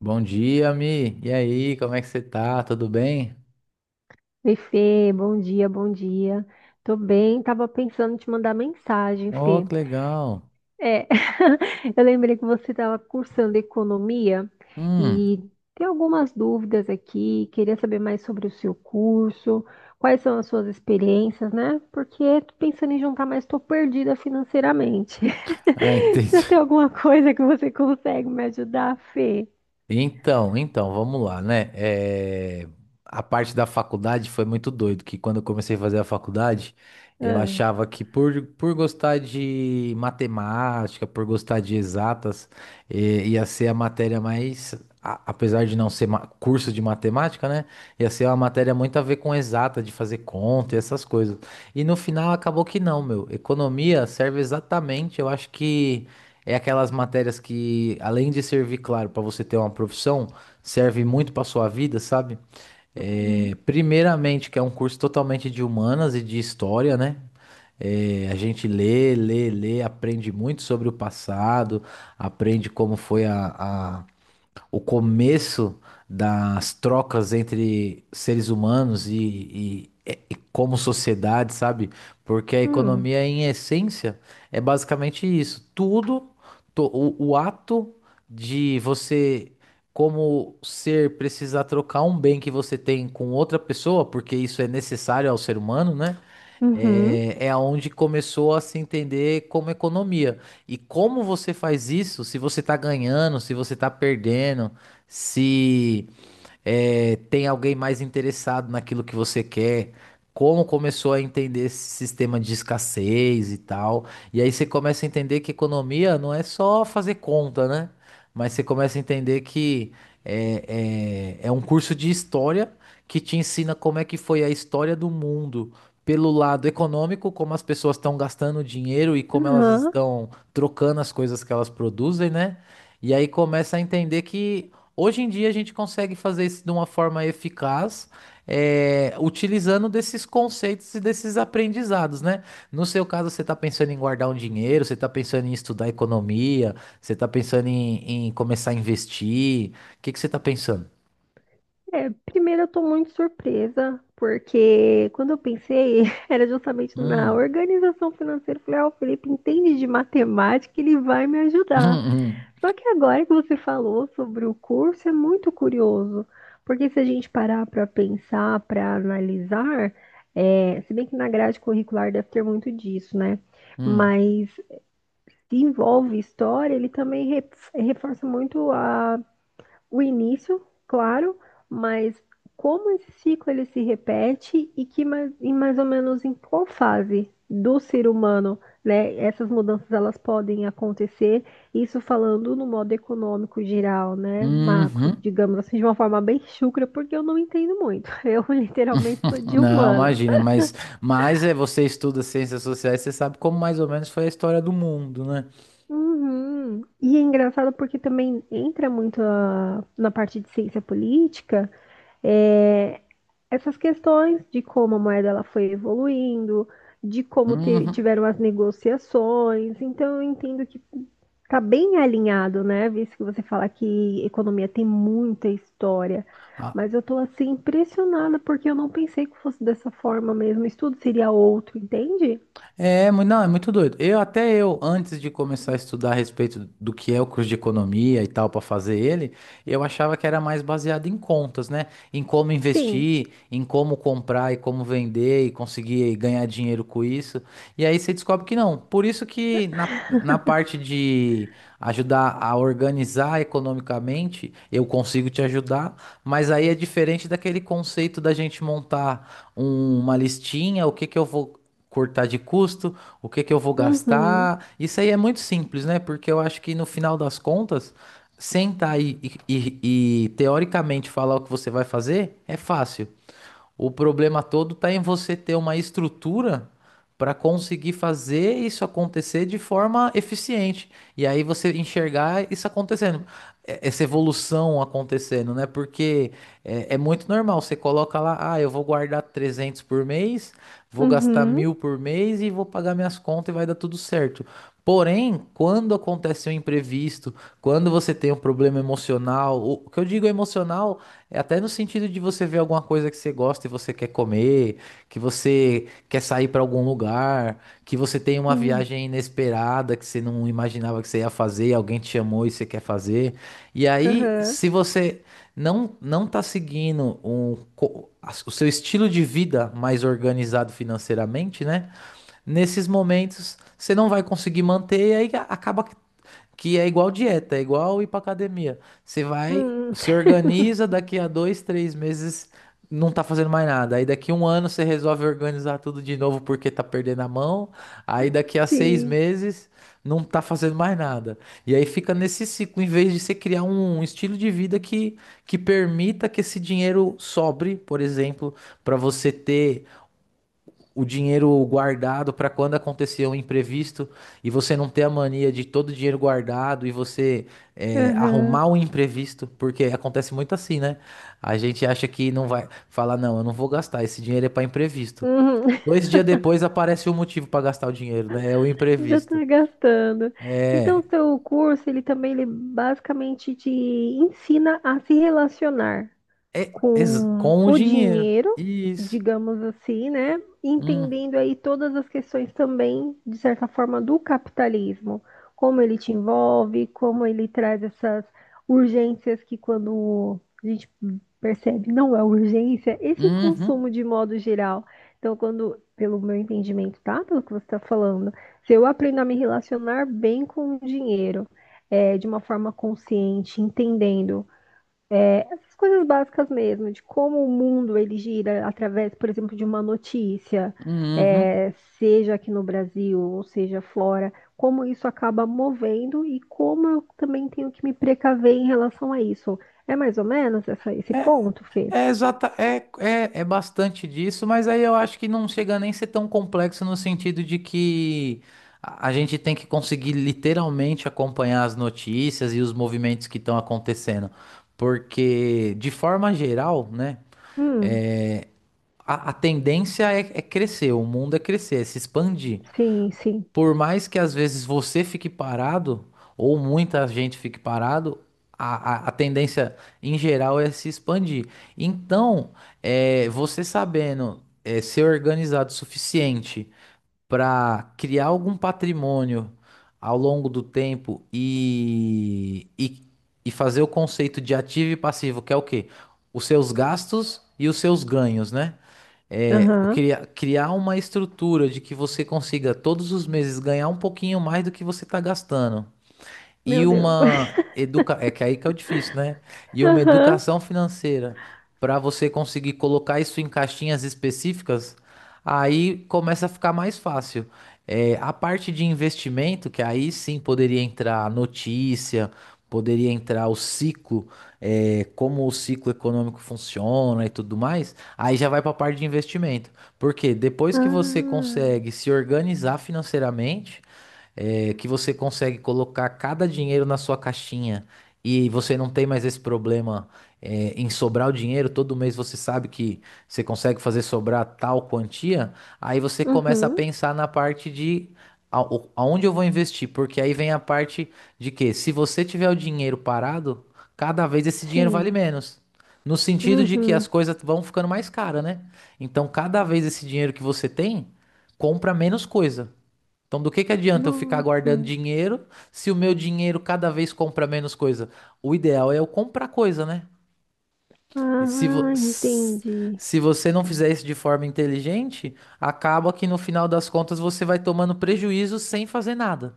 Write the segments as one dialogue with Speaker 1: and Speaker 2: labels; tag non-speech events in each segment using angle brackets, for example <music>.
Speaker 1: Bom dia, Mi. E aí, como é que você tá? Tudo bem?
Speaker 2: Oi, Fê, bom dia, bom dia. Tô bem, tava pensando em te mandar mensagem,
Speaker 1: Oh,
Speaker 2: Fê.
Speaker 1: que legal.
Speaker 2: É, <laughs> eu lembrei que você estava cursando economia
Speaker 1: Hum.
Speaker 2: e tem algumas dúvidas aqui, queria saber mais sobre o seu curso, quais são as suas experiências, né? Porque tô pensando em juntar, mas tô perdida financeiramente.
Speaker 1: Ah, <laughs>
Speaker 2: <laughs> Já
Speaker 1: entendi.
Speaker 2: tem alguma coisa que você consegue me ajudar, Fê?
Speaker 1: Então, vamos lá, né? A parte da faculdade foi muito doido, que quando eu comecei a fazer a faculdade, eu
Speaker 2: Ah.
Speaker 1: achava que por gostar de matemática, por gostar de exatas, ia ser a matéria mais, apesar de não ser curso de matemática, né? Ia ser uma matéria muito a ver com exata, de fazer conta e essas coisas. E no final acabou que não, meu. Economia serve exatamente, eu acho que. É aquelas matérias que, além de servir, claro, para você ter uma profissão, serve muito para sua vida, sabe?
Speaker 2: Hum,
Speaker 1: Primeiramente, que é um curso totalmente de humanas e de história, né? É, a gente lê, aprende muito sobre o passado, aprende como foi o começo das trocas entre seres humanos e como sociedade, sabe? Porque a
Speaker 2: hum.
Speaker 1: economia, em essência, é basicamente isso. Tudo, o ato de você, como ser, precisar trocar um bem que você tem com outra pessoa, porque isso é necessário ao ser humano, né?
Speaker 2: Uhum.
Speaker 1: É, é onde começou a se entender como economia. E como você faz isso? Se você tá ganhando, se você tá perdendo, se é, tem alguém mais interessado naquilo que você quer. Como começou a entender esse sistema de escassez e tal. E aí você começa a entender que economia não é só fazer conta, né? Mas você começa a entender que é um curso de história que te ensina como é que foi a história do mundo pelo lado econômico, como as pessoas estão gastando dinheiro e como elas
Speaker 2: Aham.
Speaker 1: estão trocando as coisas que elas produzem, né? E aí começa a entender que hoje em dia a gente consegue fazer isso de uma forma eficaz, utilizando desses conceitos e desses aprendizados, né? No seu caso, você está pensando em guardar um dinheiro, você está pensando em estudar economia, você está pensando em começar a investir. O que que você está pensando?
Speaker 2: É, primeiro eu tô muito surpresa, porque quando eu pensei, <laughs> era justamente na
Speaker 1: Hum.
Speaker 2: organização financeira. Eu falei, ah, o Felipe entende de matemática, ele vai me
Speaker 1: <laughs>
Speaker 2: ajudar.
Speaker 1: Hum,
Speaker 2: Só que agora que você falou sobre o curso, é muito curioso, porque se a gente parar para pensar, para analisar, é, se bem que na grade curricular deve ter muito disso, né?
Speaker 1: hum,
Speaker 2: Mas se envolve história, ele também reforça muito a o início, claro, mas como esse ciclo ele se repete e que mais, e mais ou menos em qual fase do ser humano, né, essas mudanças elas podem acontecer, isso falando no modo econômico geral, né, macro,
Speaker 1: uhum.
Speaker 2: digamos assim, de uma forma bem chucra, porque eu não entendo muito. <laughs> Eu literalmente sou
Speaker 1: <laughs>
Speaker 2: de
Speaker 1: Não,
Speaker 2: humanas.
Speaker 1: imagina, mas é, você estuda ciências sociais, você sabe como mais ou menos foi a história do mundo, né?
Speaker 2: Uhum. E é engraçado porque também entra muito na parte de ciência política, é, essas questões de como a moeda ela foi evoluindo, de como
Speaker 1: Uhum.
Speaker 2: tiveram as negociações. Então, eu entendo que está bem alinhado, né? Visto que você fala que economia tem muita história. Mas eu estou assim impressionada porque eu não pensei que fosse dessa forma mesmo. O estudo seria outro, entende?
Speaker 1: Não, é muito doido. Eu até, antes de começar a estudar a respeito do que é o curso de economia e tal para fazer ele, eu achava que era mais baseado em contas, né? Em como
Speaker 2: Sim.
Speaker 1: investir, em como comprar e como vender e conseguir ganhar dinheiro com isso. E aí você descobre que não. Por isso que na
Speaker 2: <laughs>
Speaker 1: parte de ajudar a organizar economicamente, eu consigo te ajudar, mas aí é diferente daquele conceito da gente montar uma listinha, o que que eu vou cortar de custo, o que que eu vou
Speaker 2: Uhum.
Speaker 1: gastar. Isso aí é muito simples, né? Porque eu acho que no final das contas, sentar e, teoricamente falar o que você vai fazer é fácil. O problema todo tá em você ter uma estrutura para conseguir fazer isso acontecer de forma eficiente. E aí você enxergar isso acontecendo, essa evolução acontecendo, né? Porque é muito normal, você coloca lá, ah, eu vou guardar 300 por mês, vou gastar
Speaker 2: Uhum.
Speaker 1: 1.000 por mês e vou pagar minhas contas e vai dar tudo certo. Porém, quando acontece um imprevisto, quando você tem um problema emocional, o que eu digo emocional é até no sentido de você ver alguma coisa que você gosta e você quer comer, que você quer sair para algum lugar, que você tem uma
Speaker 2: Sim.
Speaker 1: viagem inesperada que você não imaginava que você ia fazer, e alguém te chamou e você quer fazer. E aí,
Speaker 2: Aham.
Speaker 1: se você não tá seguindo o seu estilo de vida mais organizado financeiramente, né? Nesses momentos você não vai conseguir manter e aí acaba que é igual dieta, é igual ir pra academia. Você vai,
Speaker 2: Uhum.
Speaker 1: se
Speaker 2: <laughs>
Speaker 1: organiza, daqui a dois, três meses não tá fazendo mais nada. Aí daqui um ano você resolve organizar tudo de novo porque tá perdendo a mão. Aí daqui a seis
Speaker 2: Sim.
Speaker 1: meses não tá fazendo mais nada. E aí fica nesse ciclo, em vez de você criar um estilo de vida que permita que esse dinheiro sobre, por exemplo, para você ter o dinheiro guardado para quando acontecer um imprevisto e você não ter a mania de todo o dinheiro guardado e você arrumar
Speaker 2: Aham.
Speaker 1: um imprevisto, porque acontece muito assim, né? A gente acha que não vai falar, não, eu não vou gastar, esse dinheiro é para imprevisto.
Speaker 2: Uhum.
Speaker 1: Dois dias depois aparece o motivo para gastar o dinheiro, né? É o
Speaker 2: Já
Speaker 1: imprevisto.
Speaker 2: está gastando. Então, o seu curso, ele também ele basicamente te ensina a se relacionar com
Speaker 1: Com o
Speaker 2: o
Speaker 1: dinheiro.
Speaker 2: dinheiro,
Speaker 1: Isso.
Speaker 2: digamos assim, né?
Speaker 1: Hum,
Speaker 2: Entendendo aí todas as questões também, de certa forma, do capitalismo, como ele te envolve, como ele traz essas urgências que quando a gente percebe? Não é urgência, esse
Speaker 1: uhum,
Speaker 2: consumo de modo geral. Então, quando, pelo meu entendimento, tá? Pelo que você está falando, se eu aprendo a me relacionar bem com o dinheiro, é, de uma forma consciente, entendendo essas coisas básicas mesmo, de como o mundo ele gira através, por exemplo, de uma notícia,
Speaker 1: uhum.
Speaker 2: é, seja aqui no Brasil ou seja fora, como isso acaba movendo e como eu também tenho que me precaver em relação a isso. É mais ou menos esse
Speaker 1: É,
Speaker 2: ponto, Fê?
Speaker 1: Exata, é bastante disso, mas aí eu acho que não chega nem a ser tão complexo no sentido de que a gente tem que conseguir literalmente acompanhar as notícias e os movimentos que estão acontecendo. Porque, de forma geral, né,
Speaker 2: Hum,
Speaker 1: é, a tendência é crescer, o mundo é crescer, é se expandir.
Speaker 2: sim, sim.
Speaker 1: Por mais que às vezes você fique parado, ou muita gente fique parado, a tendência em geral é se expandir. Então, você sabendo ser organizado o suficiente para criar algum patrimônio ao longo do tempo e fazer o conceito de ativo e passivo, que é o quê? Os seus gastos e os seus ganhos, né? é,
Speaker 2: Aham.
Speaker 1: criar, criar uma estrutura de que você consiga todos os meses ganhar um pouquinho mais do que você está gastando
Speaker 2: Meu
Speaker 1: e
Speaker 2: Deus.
Speaker 1: uma educa... É que aí que é o difícil, né?
Speaker 2: <laughs>
Speaker 1: E uma
Speaker 2: Aham.
Speaker 1: educação financeira para você conseguir colocar isso em caixinhas específicas, aí começa a ficar mais fácil. É, a parte de investimento, que aí sim poderia entrar notícia, poderia entrar o ciclo, é, como o ciclo econômico funciona e tudo mais, aí já vai para a parte de investimento. Porque depois que você
Speaker 2: Ah.
Speaker 1: consegue se organizar financeiramente, que você consegue colocar cada dinheiro na sua caixinha e você não tem mais esse problema, em sobrar o dinheiro, todo mês você sabe que você consegue fazer sobrar tal quantia, aí você começa a
Speaker 2: Uhum.
Speaker 1: pensar na parte de aonde eu vou investir, porque aí vem a parte de que se você tiver o dinheiro parado, cada vez esse dinheiro vale
Speaker 2: Sim.
Speaker 1: menos. No sentido de que as
Speaker 2: Uhum.
Speaker 1: coisas vão ficando mais caras, né? Então, cada vez esse dinheiro que você tem, compra menos coisa. Então, do que adianta eu ficar
Speaker 2: Nossa.
Speaker 1: guardando dinheiro se o meu dinheiro cada vez compra menos coisa? O ideal é eu comprar coisa, né? E se, vo-
Speaker 2: Ah,
Speaker 1: s-
Speaker 2: entendi.
Speaker 1: Se você não fizer isso de forma inteligente, acaba que no final das contas você vai tomando prejuízo sem fazer nada.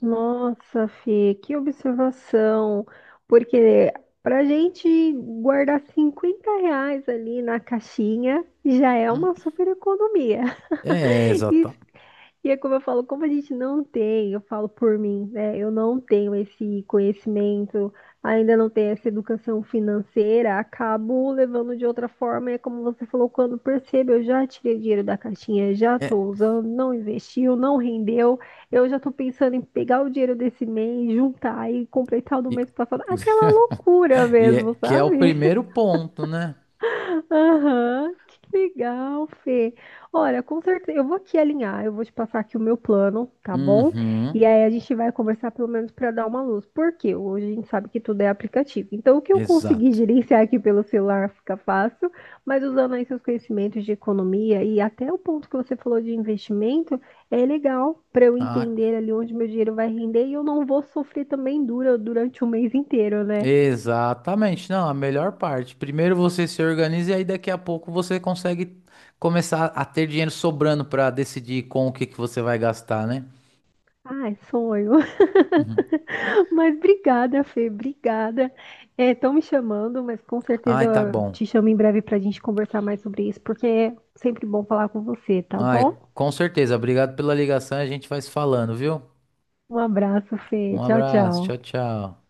Speaker 2: Nossa, Fê, que observação. Porque pra gente guardar R$ 50 ali na caixinha já é
Speaker 1: Hum,
Speaker 2: uma super economia.
Speaker 1: É,
Speaker 2: <laughs> E
Speaker 1: exato.
Speaker 2: E é como eu falo, como a gente não tem, eu falo por mim, né? Eu não tenho esse conhecimento, ainda não tenho essa educação financeira, acabo levando de outra forma. E é como você falou, quando percebo, eu já tirei dinheiro da caixinha, já
Speaker 1: É,
Speaker 2: estou usando, não investiu, não rendeu. Eu já estou pensando em pegar o dinheiro desse mês, juntar e completar o do
Speaker 1: e,
Speaker 2: mês passado. Aquela loucura
Speaker 1: <laughs> e é
Speaker 2: mesmo,
Speaker 1: que é o
Speaker 2: sabe?
Speaker 1: primeiro ponto, né?
Speaker 2: Aham, que legal, Fê. Olha, com certeza, eu vou aqui alinhar, eu vou te passar aqui o meu plano, tá bom? E
Speaker 1: Uhum,
Speaker 2: aí a gente vai conversar pelo menos para dar uma luz, porque hoje a gente sabe que tudo é aplicativo. Então, o que eu consegui <laughs>
Speaker 1: exato.
Speaker 2: gerenciar aqui pelo celular fica fácil, mas usando aí seus conhecimentos de economia e até o ponto que você falou de investimento, é legal para eu
Speaker 1: Ah,
Speaker 2: entender ali onde meu dinheiro vai render e eu não vou sofrer também durante o mês inteiro, né?
Speaker 1: exatamente, não, a melhor parte. Primeiro você se organiza e aí daqui a pouco você consegue começar a ter dinheiro sobrando para decidir com o que que você vai gastar, né?
Speaker 2: Ai, sonho.
Speaker 1: Uhum.
Speaker 2: <laughs> Mas obrigada, Fê, obrigada. Estão me chamando, mas com certeza
Speaker 1: Ai, tá
Speaker 2: eu
Speaker 1: bom.
Speaker 2: te chamo em breve para a gente conversar mais sobre isso, porque é sempre bom falar com você, tá
Speaker 1: Ai,
Speaker 2: bom?
Speaker 1: com certeza. Obrigado pela ligação, a gente vai se falando, viu?
Speaker 2: Um abraço, Fê.
Speaker 1: Um
Speaker 2: Tchau,
Speaker 1: abraço, tchau,
Speaker 2: tchau.
Speaker 1: tchau.